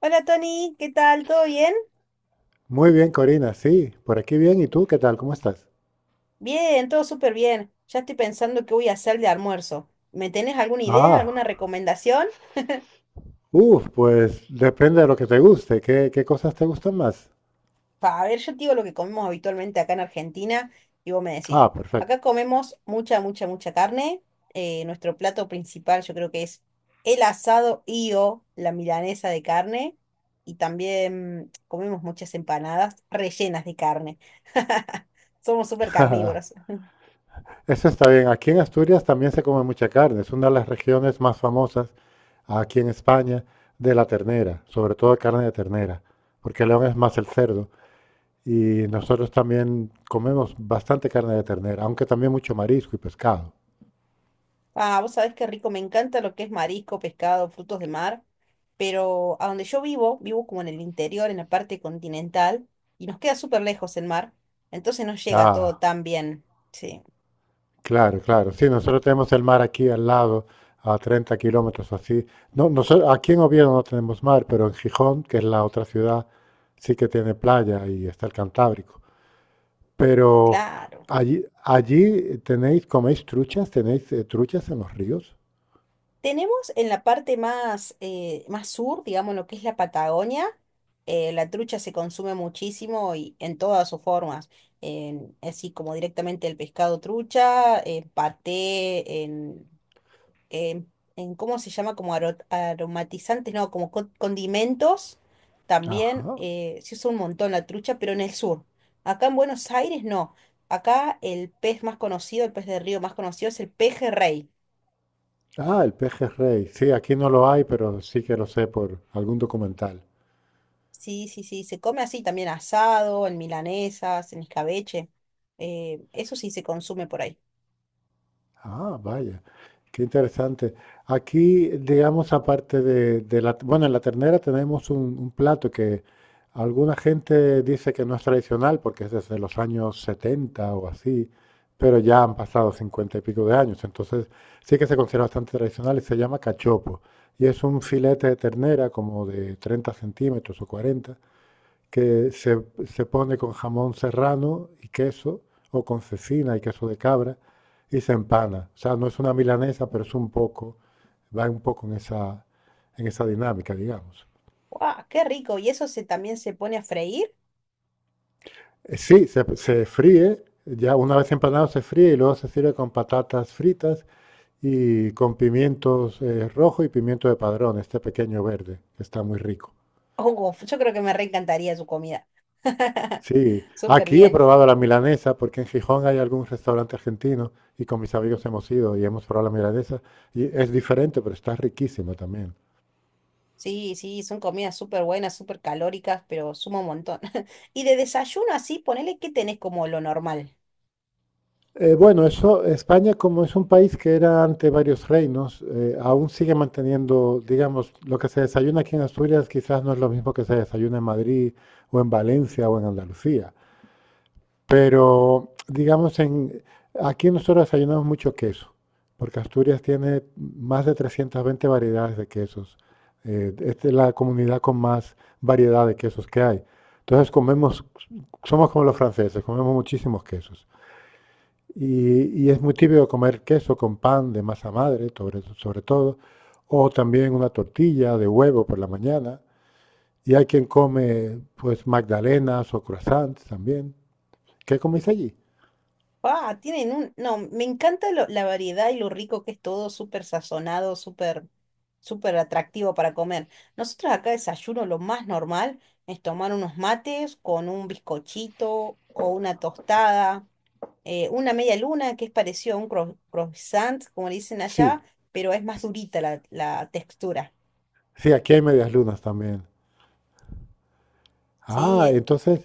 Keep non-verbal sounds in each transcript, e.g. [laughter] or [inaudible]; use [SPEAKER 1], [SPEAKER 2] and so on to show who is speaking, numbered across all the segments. [SPEAKER 1] Hola Tony, ¿qué tal? ¿Todo bien?
[SPEAKER 2] Muy bien, Corina, sí, por aquí bien. ¿Y tú qué tal? ¿Cómo estás?
[SPEAKER 1] Bien, todo súper bien. Ya estoy pensando qué voy a hacer de almuerzo. ¿Me tenés alguna idea, alguna
[SPEAKER 2] Ah,
[SPEAKER 1] recomendación?
[SPEAKER 2] uff, pues depende de lo que te guste. ¿Qué cosas te gustan más?
[SPEAKER 1] Pa, a ver, yo te digo lo que comemos habitualmente acá en Argentina y vos me decís.
[SPEAKER 2] Ah, perfecto.
[SPEAKER 1] Acá comemos mucha, mucha, mucha carne. Nuestro plato principal yo creo que es el asado y o la milanesa de carne. Y también comemos muchas empanadas rellenas de carne. [laughs] Somos súper carnívoros.
[SPEAKER 2] [laughs] Eso está bien. Aquí en Asturias también se come mucha carne. Es una de las regiones más famosas aquí en España de la ternera, sobre todo carne de ternera, porque León es más el cerdo. Y nosotros también comemos bastante carne de ternera, aunque también mucho marisco y pescado.
[SPEAKER 1] Ah, vos sabés qué rico, me encanta lo que es marisco, pescado, frutos de mar, pero a donde yo vivo, vivo como en el interior, en la parte continental, y nos queda súper lejos el mar, entonces no llega todo
[SPEAKER 2] Ah.
[SPEAKER 1] tan bien. Sí,
[SPEAKER 2] Claro, claro. Sí, nosotros tenemos el mar aquí al lado, a 30 kilómetros o así. No, nosotros, aquí en Oviedo no tenemos mar, pero en Gijón, que es la otra ciudad, sí que tiene playa y está el Cantábrico. Pero
[SPEAKER 1] claro.
[SPEAKER 2] allí tenéis, coméis truchas, tenéis truchas en los ríos.
[SPEAKER 1] Tenemos en la parte más, más sur, digamos, lo que es la Patagonia, la trucha se consume muchísimo y en todas sus formas, así como directamente el pescado trucha, paté, eh, en cómo se llama, como aromatizantes, no, como condimentos, también
[SPEAKER 2] Ajá.
[SPEAKER 1] se usa un montón la trucha, pero en el sur. Acá en Buenos Aires no. Acá el pez más conocido, el pez de río más conocido es el pejerrey.
[SPEAKER 2] Ah, el pejerrey. Sí, aquí no lo hay, pero sí que lo sé por algún documental.
[SPEAKER 1] Sí, sí, sí, se come así también asado, en milanesas, en escabeche. Eso sí se consume por ahí.
[SPEAKER 2] Ah, vaya, qué interesante. Aquí, digamos, aparte de la, bueno, en la ternera tenemos un plato que alguna gente dice que no es tradicional porque es desde los años 70 o así, pero ya han pasado 50 y pico de años, entonces sí que se considera bastante tradicional y se llama cachopo. Y es un filete de ternera como de 30 centímetros o 40 que se pone con jamón serrano y queso, o con cecina y queso de cabra, y se empana. O sea, no es una milanesa, pero es un poco, va un poco en esa dinámica, digamos.
[SPEAKER 1] ¡Guau! ¡Qué rico! ¿Y eso se, también se pone a freír?
[SPEAKER 2] Sí, se fríe, ya una vez empanado se fríe y luego se sirve con patatas fritas y con pimientos rojo y pimiento de padrón, este pequeño verde, que está muy rico.
[SPEAKER 1] Oh, yo creo que me reencantaría su comida. [laughs]
[SPEAKER 2] Sí,
[SPEAKER 1] Súper
[SPEAKER 2] aquí he
[SPEAKER 1] bien.
[SPEAKER 2] probado la milanesa porque en Gijón hay algún restaurante argentino y con mis amigos hemos ido y hemos probado la milanesa y es diferente, pero está riquísima también.
[SPEAKER 1] Sí, sí, son comidas súper buenas, súper calóricas, pero suma un montón. [laughs] Y de desayuno así, ponele que tenés como lo normal.
[SPEAKER 2] Bueno, eso, España como es un país que era ante varios reinos, aún sigue manteniendo, digamos, lo que se desayuna aquí en Asturias quizás no es lo mismo que se desayuna en Madrid o en Valencia o en Andalucía. Pero, digamos, en, aquí nosotros desayunamos mucho queso, porque Asturias tiene más de 320 variedades de quesos. Esta es la comunidad con más variedad de quesos que hay. Entonces comemos, somos como los franceses, comemos muchísimos quesos. Y es muy típico comer queso con pan de masa madre, sobre todo, o también una tortilla de huevo por la mañana. Y hay quien come, pues, magdalenas o croissants también. ¿Qué coméis allí?
[SPEAKER 1] Ah, tienen un... No, me encanta la variedad y lo rico que es todo, súper sazonado, súper, súper atractivo para comer. Nosotros acá desayuno lo más normal es tomar unos mates con un bizcochito o una tostada, una media luna que es parecido a un croissant, como le dicen
[SPEAKER 2] Sí,
[SPEAKER 1] allá, pero es más durita la textura.
[SPEAKER 2] sí, aquí hay medias lunas también.
[SPEAKER 1] Sí,
[SPEAKER 2] Ah,
[SPEAKER 1] e-
[SPEAKER 2] entonces,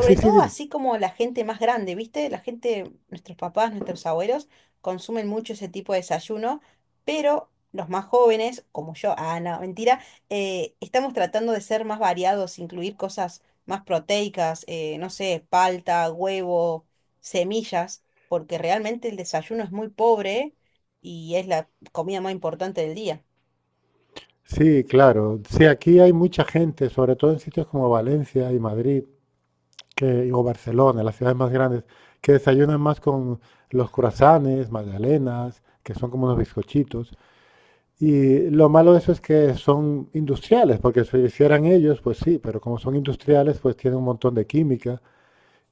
[SPEAKER 2] sí, sí,
[SPEAKER 1] todo
[SPEAKER 2] dime.
[SPEAKER 1] así como la gente más grande, ¿viste? La gente, nuestros papás, nuestros abuelos, consumen mucho ese tipo de desayuno, pero los más jóvenes, como yo, ah, no, mentira, estamos tratando de ser más variados, incluir cosas más proteicas, no sé, palta, huevo, semillas, porque realmente el desayuno es muy pobre y es la comida más importante del día.
[SPEAKER 2] Sí, claro. Sí, aquí hay mucha gente, sobre todo en sitios como Valencia y Madrid, que, o Barcelona, las ciudades más grandes, que desayunan más con los croissants, magdalenas, que son como unos bizcochitos. Y lo malo de eso es que son industriales, porque si lo hicieran ellos, pues sí, pero como son industriales, pues tienen un montón de química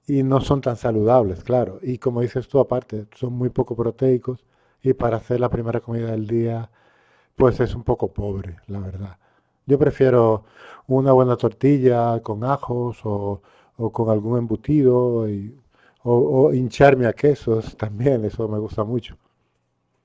[SPEAKER 2] y no son tan saludables, claro. Y como dices tú, aparte, son muy poco proteicos y para hacer la primera comida del día, pues es un poco pobre, la verdad. Yo prefiero una buena tortilla con ajos o con algún embutido y- o, o hincharme a quesos también, eso me gusta mucho.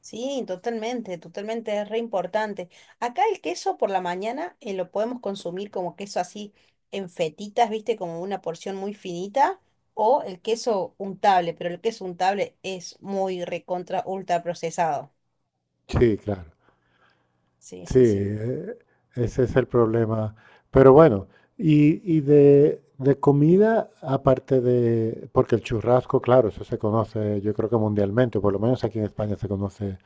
[SPEAKER 1] Sí, totalmente, totalmente, es re importante. Acá el queso por la mañana lo podemos consumir como queso así en fetitas, viste, como una porción muy finita, o el queso untable, pero el queso untable es muy recontra ultra procesado.
[SPEAKER 2] Sí, claro.
[SPEAKER 1] Sí,
[SPEAKER 2] Sí,
[SPEAKER 1] sí, sí.
[SPEAKER 2] ese es el problema. Pero bueno, y de comida, aparte de, porque el churrasco, claro, eso se conoce, yo creo que mundialmente, o por lo menos aquí en España se conoce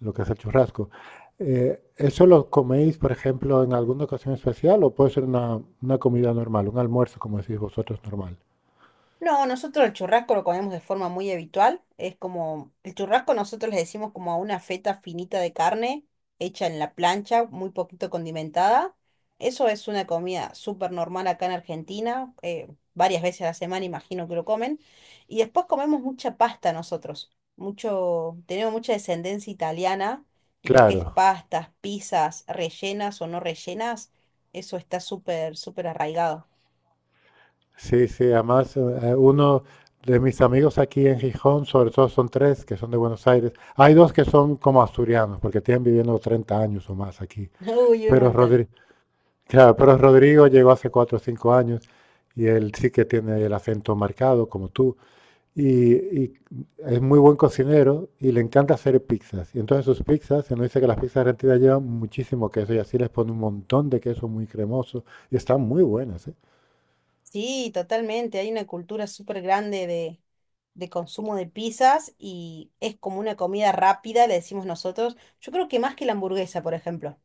[SPEAKER 2] lo que es el churrasco. ¿Eso lo coméis, por ejemplo, en alguna ocasión especial o puede ser una comida normal, un almuerzo, como decís vosotros, normal?
[SPEAKER 1] No, nosotros el churrasco lo comemos de forma muy habitual. Es como, el churrasco nosotros le decimos como a una feta finita de carne hecha en la plancha, muy poquito condimentada. Eso es una comida súper normal acá en Argentina. Varias veces a la semana imagino que lo comen. Y después comemos mucha pasta nosotros. Mucho, tenemos mucha descendencia italiana y lo que
[SPEAKER 2] Claro.
[SPEAKER 1] es pastas, pizzas, rellenas o no rellenas, eso está súper, súper arraigado.
[SPEAKER 2] Sí, sí, además uno de mis amigos aquí en Gijón, sobre todo son tres que son de Buenos Aires. Hay dos que son como asturianos, porque tienen viviendo 30 años o más aquí.
[SPEAKER 1] [laughs] Uy, un
[SPEAKER 2] Pero
[SPEAKER 1] montón.
[SPEAKER 2] Rodrigo, claro, pero Rodrigo llegó hace 4 o 5 años y él sí que tiene el acento marcado, como tú. Y es muy buen cocinero y le encanta hacer pizzas. Y entonces sus pizzas, se nos dice que las pizzas argentinas llevan muchísimo queso y así les pone un montón de queso muy cremoso y están muy buenas, ¿eh?
[SPEAKER 1] Sí, totalmente. Hay una cultura súper grande de consumo de pizzas y es como una comida rápida, le decimos nosotros. Yo creo que más que la hamburguesa, por ejemplo.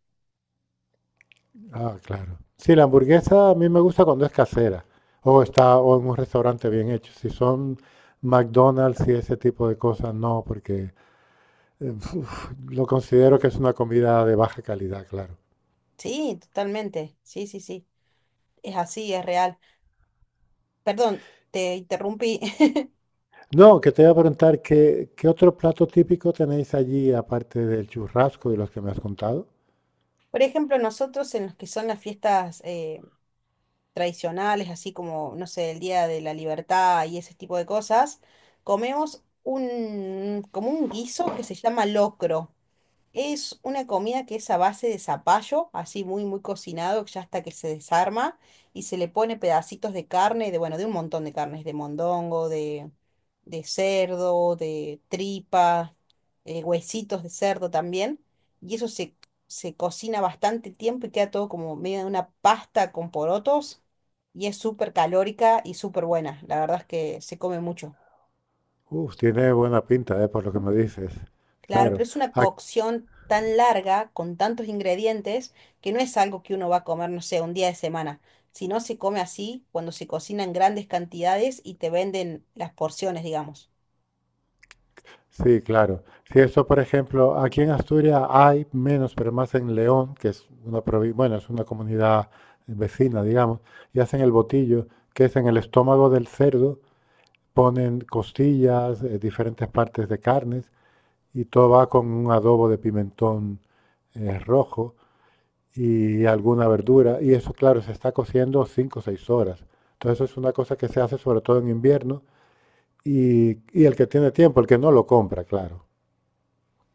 [SPEAKER 2] Ah, claro. Sí, la hamburguesa a mí me gusta cuando es casera o está o en un restaurante bien hecho. Si son McDonald's y ese tipo de cosas, no, porque eh, [laughs] lo considero que es una comida de baja calidad, claro.
[SPEAKER 1] Sí, totalmente. Sí, sí, sí. Es así, es real. Perdón, te interrumpí. [laughs]
[SPEAKER 2] No, que te iba a preguntar, ¿qué otro plato típico tenéis allí aparte del churrasco y los que me has contado?
[SPEAKER 1] Por ejemplo, nosotros en los que son las fiestas tradicionales, así como, no sé, el Día de la Libertad y ese tipo de cosas, comemos un, como un guiso que se llama locro. Es una comida que es a base de zapallo, así muy, muy cocinado, ya hasta que se desarma, y se le pone pedacitos de carne, de, bueno, de un montón de carnes, de mondongo, de cerdo, de tripa, huesitos de cerdo también, y eso se, se cocina bastante tiempo y queda todo como medio de una pasta con porotos, y es súper calórica y súper buena, la verdad es que se come mucho.
[SPEAKER 2] Uf, tiene buena pinta, por lo que me dices.
[SPEAKER 1] Claro, pero
[SPEAKER 2] Claro.
[SPEAKER 1] es una cocción tan larga, con tantos ingredientes, que no es algo que uno va a comer, no sé, un día de semana. Si no se come así, cuando se cocina en grandes cantidades y te venden las porciones, digamos.
[SPEAKER 2] Sí, claro. Si eso, por ejemplo, aquí en Asturias hay menos, pero más en León, que es una provi- bueno, es una comunidad vecina, digamos, y hacen el botillo, que es en el estómago del cerdo, ponen costillas, diferentes partes de carnes, y todo va con un adobo de pimentón rojo y alguna verdura, y eso, claro, se está cociendo 5 o 6 horas. Entonces, eso es una cosa que se hace sobre todo en invierno, y el que tiene tiempo, el que no lo compra, claro.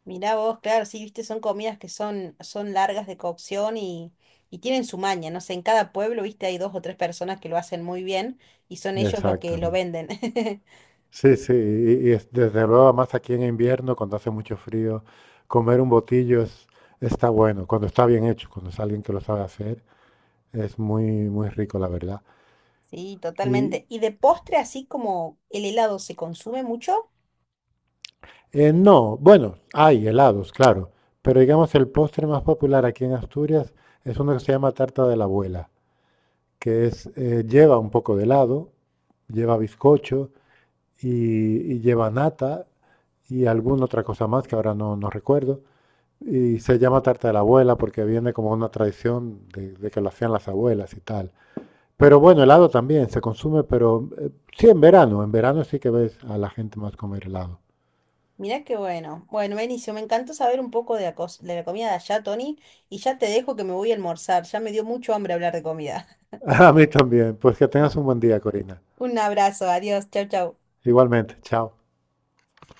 [SPEAKER 1] Mirá vos, claro, sí, viste, son comidas que son, son largas de cocción y tienen su maña. No sé, en cada pueblo, viste, hay dos o tres personas que lo hacen muy bien y son ellos los que lo
[SPEAKER 2] Exactamente.
[SPEAKER 1] venden. [laughs]
[SPEAKER 2] Sí, sí, y es, desde luego, más aquí en invierno, cuando hace mucho frío, comer un botillo es, está bueno, cuando está bien hecho, cuando es alguien que lo sabe hacer, es muy, muy rico, la verdad.
[SPEAKER 1] Sí,
[SPEAKER 2] Y
[SPEAKER 1] totalmente. ¿Y de postre, así como el helado, se consume mucho?
[SPEAKER 2] no, bueno, hay helados, claro, pero digamos el postre más popular aquí en Asturias es uno que se llama tarta de la abuela, que es, lleva un poco de helado, lleva bizcocho y, y lleva nata y alguna otra cosa más que ahora no recuerdo. Y se llama tarta de la abuela porque viene como una tradición de que lo hacían las abuelas y tal. Pero bueno, helado también se consume, pero sí en verano. En verano sí que ves a la gente más comer helado.
[SPEAKER 1] Mirá qué bueno. Bueno, Benicio, me encantó saber un poco de la, de la comida de allá, Tony, y ya te dejo que me voy a almorzar. Ya me dio mucho hambre hablar de comida.
[SPEAKER 2] [laughs] A mí también. Pues que tengas un buen día, Corina.
[SPEAKER 1] [laughs] Un abrazo, adiós, chau, chau.
[SPEAKER 2] Igualmente. Chao.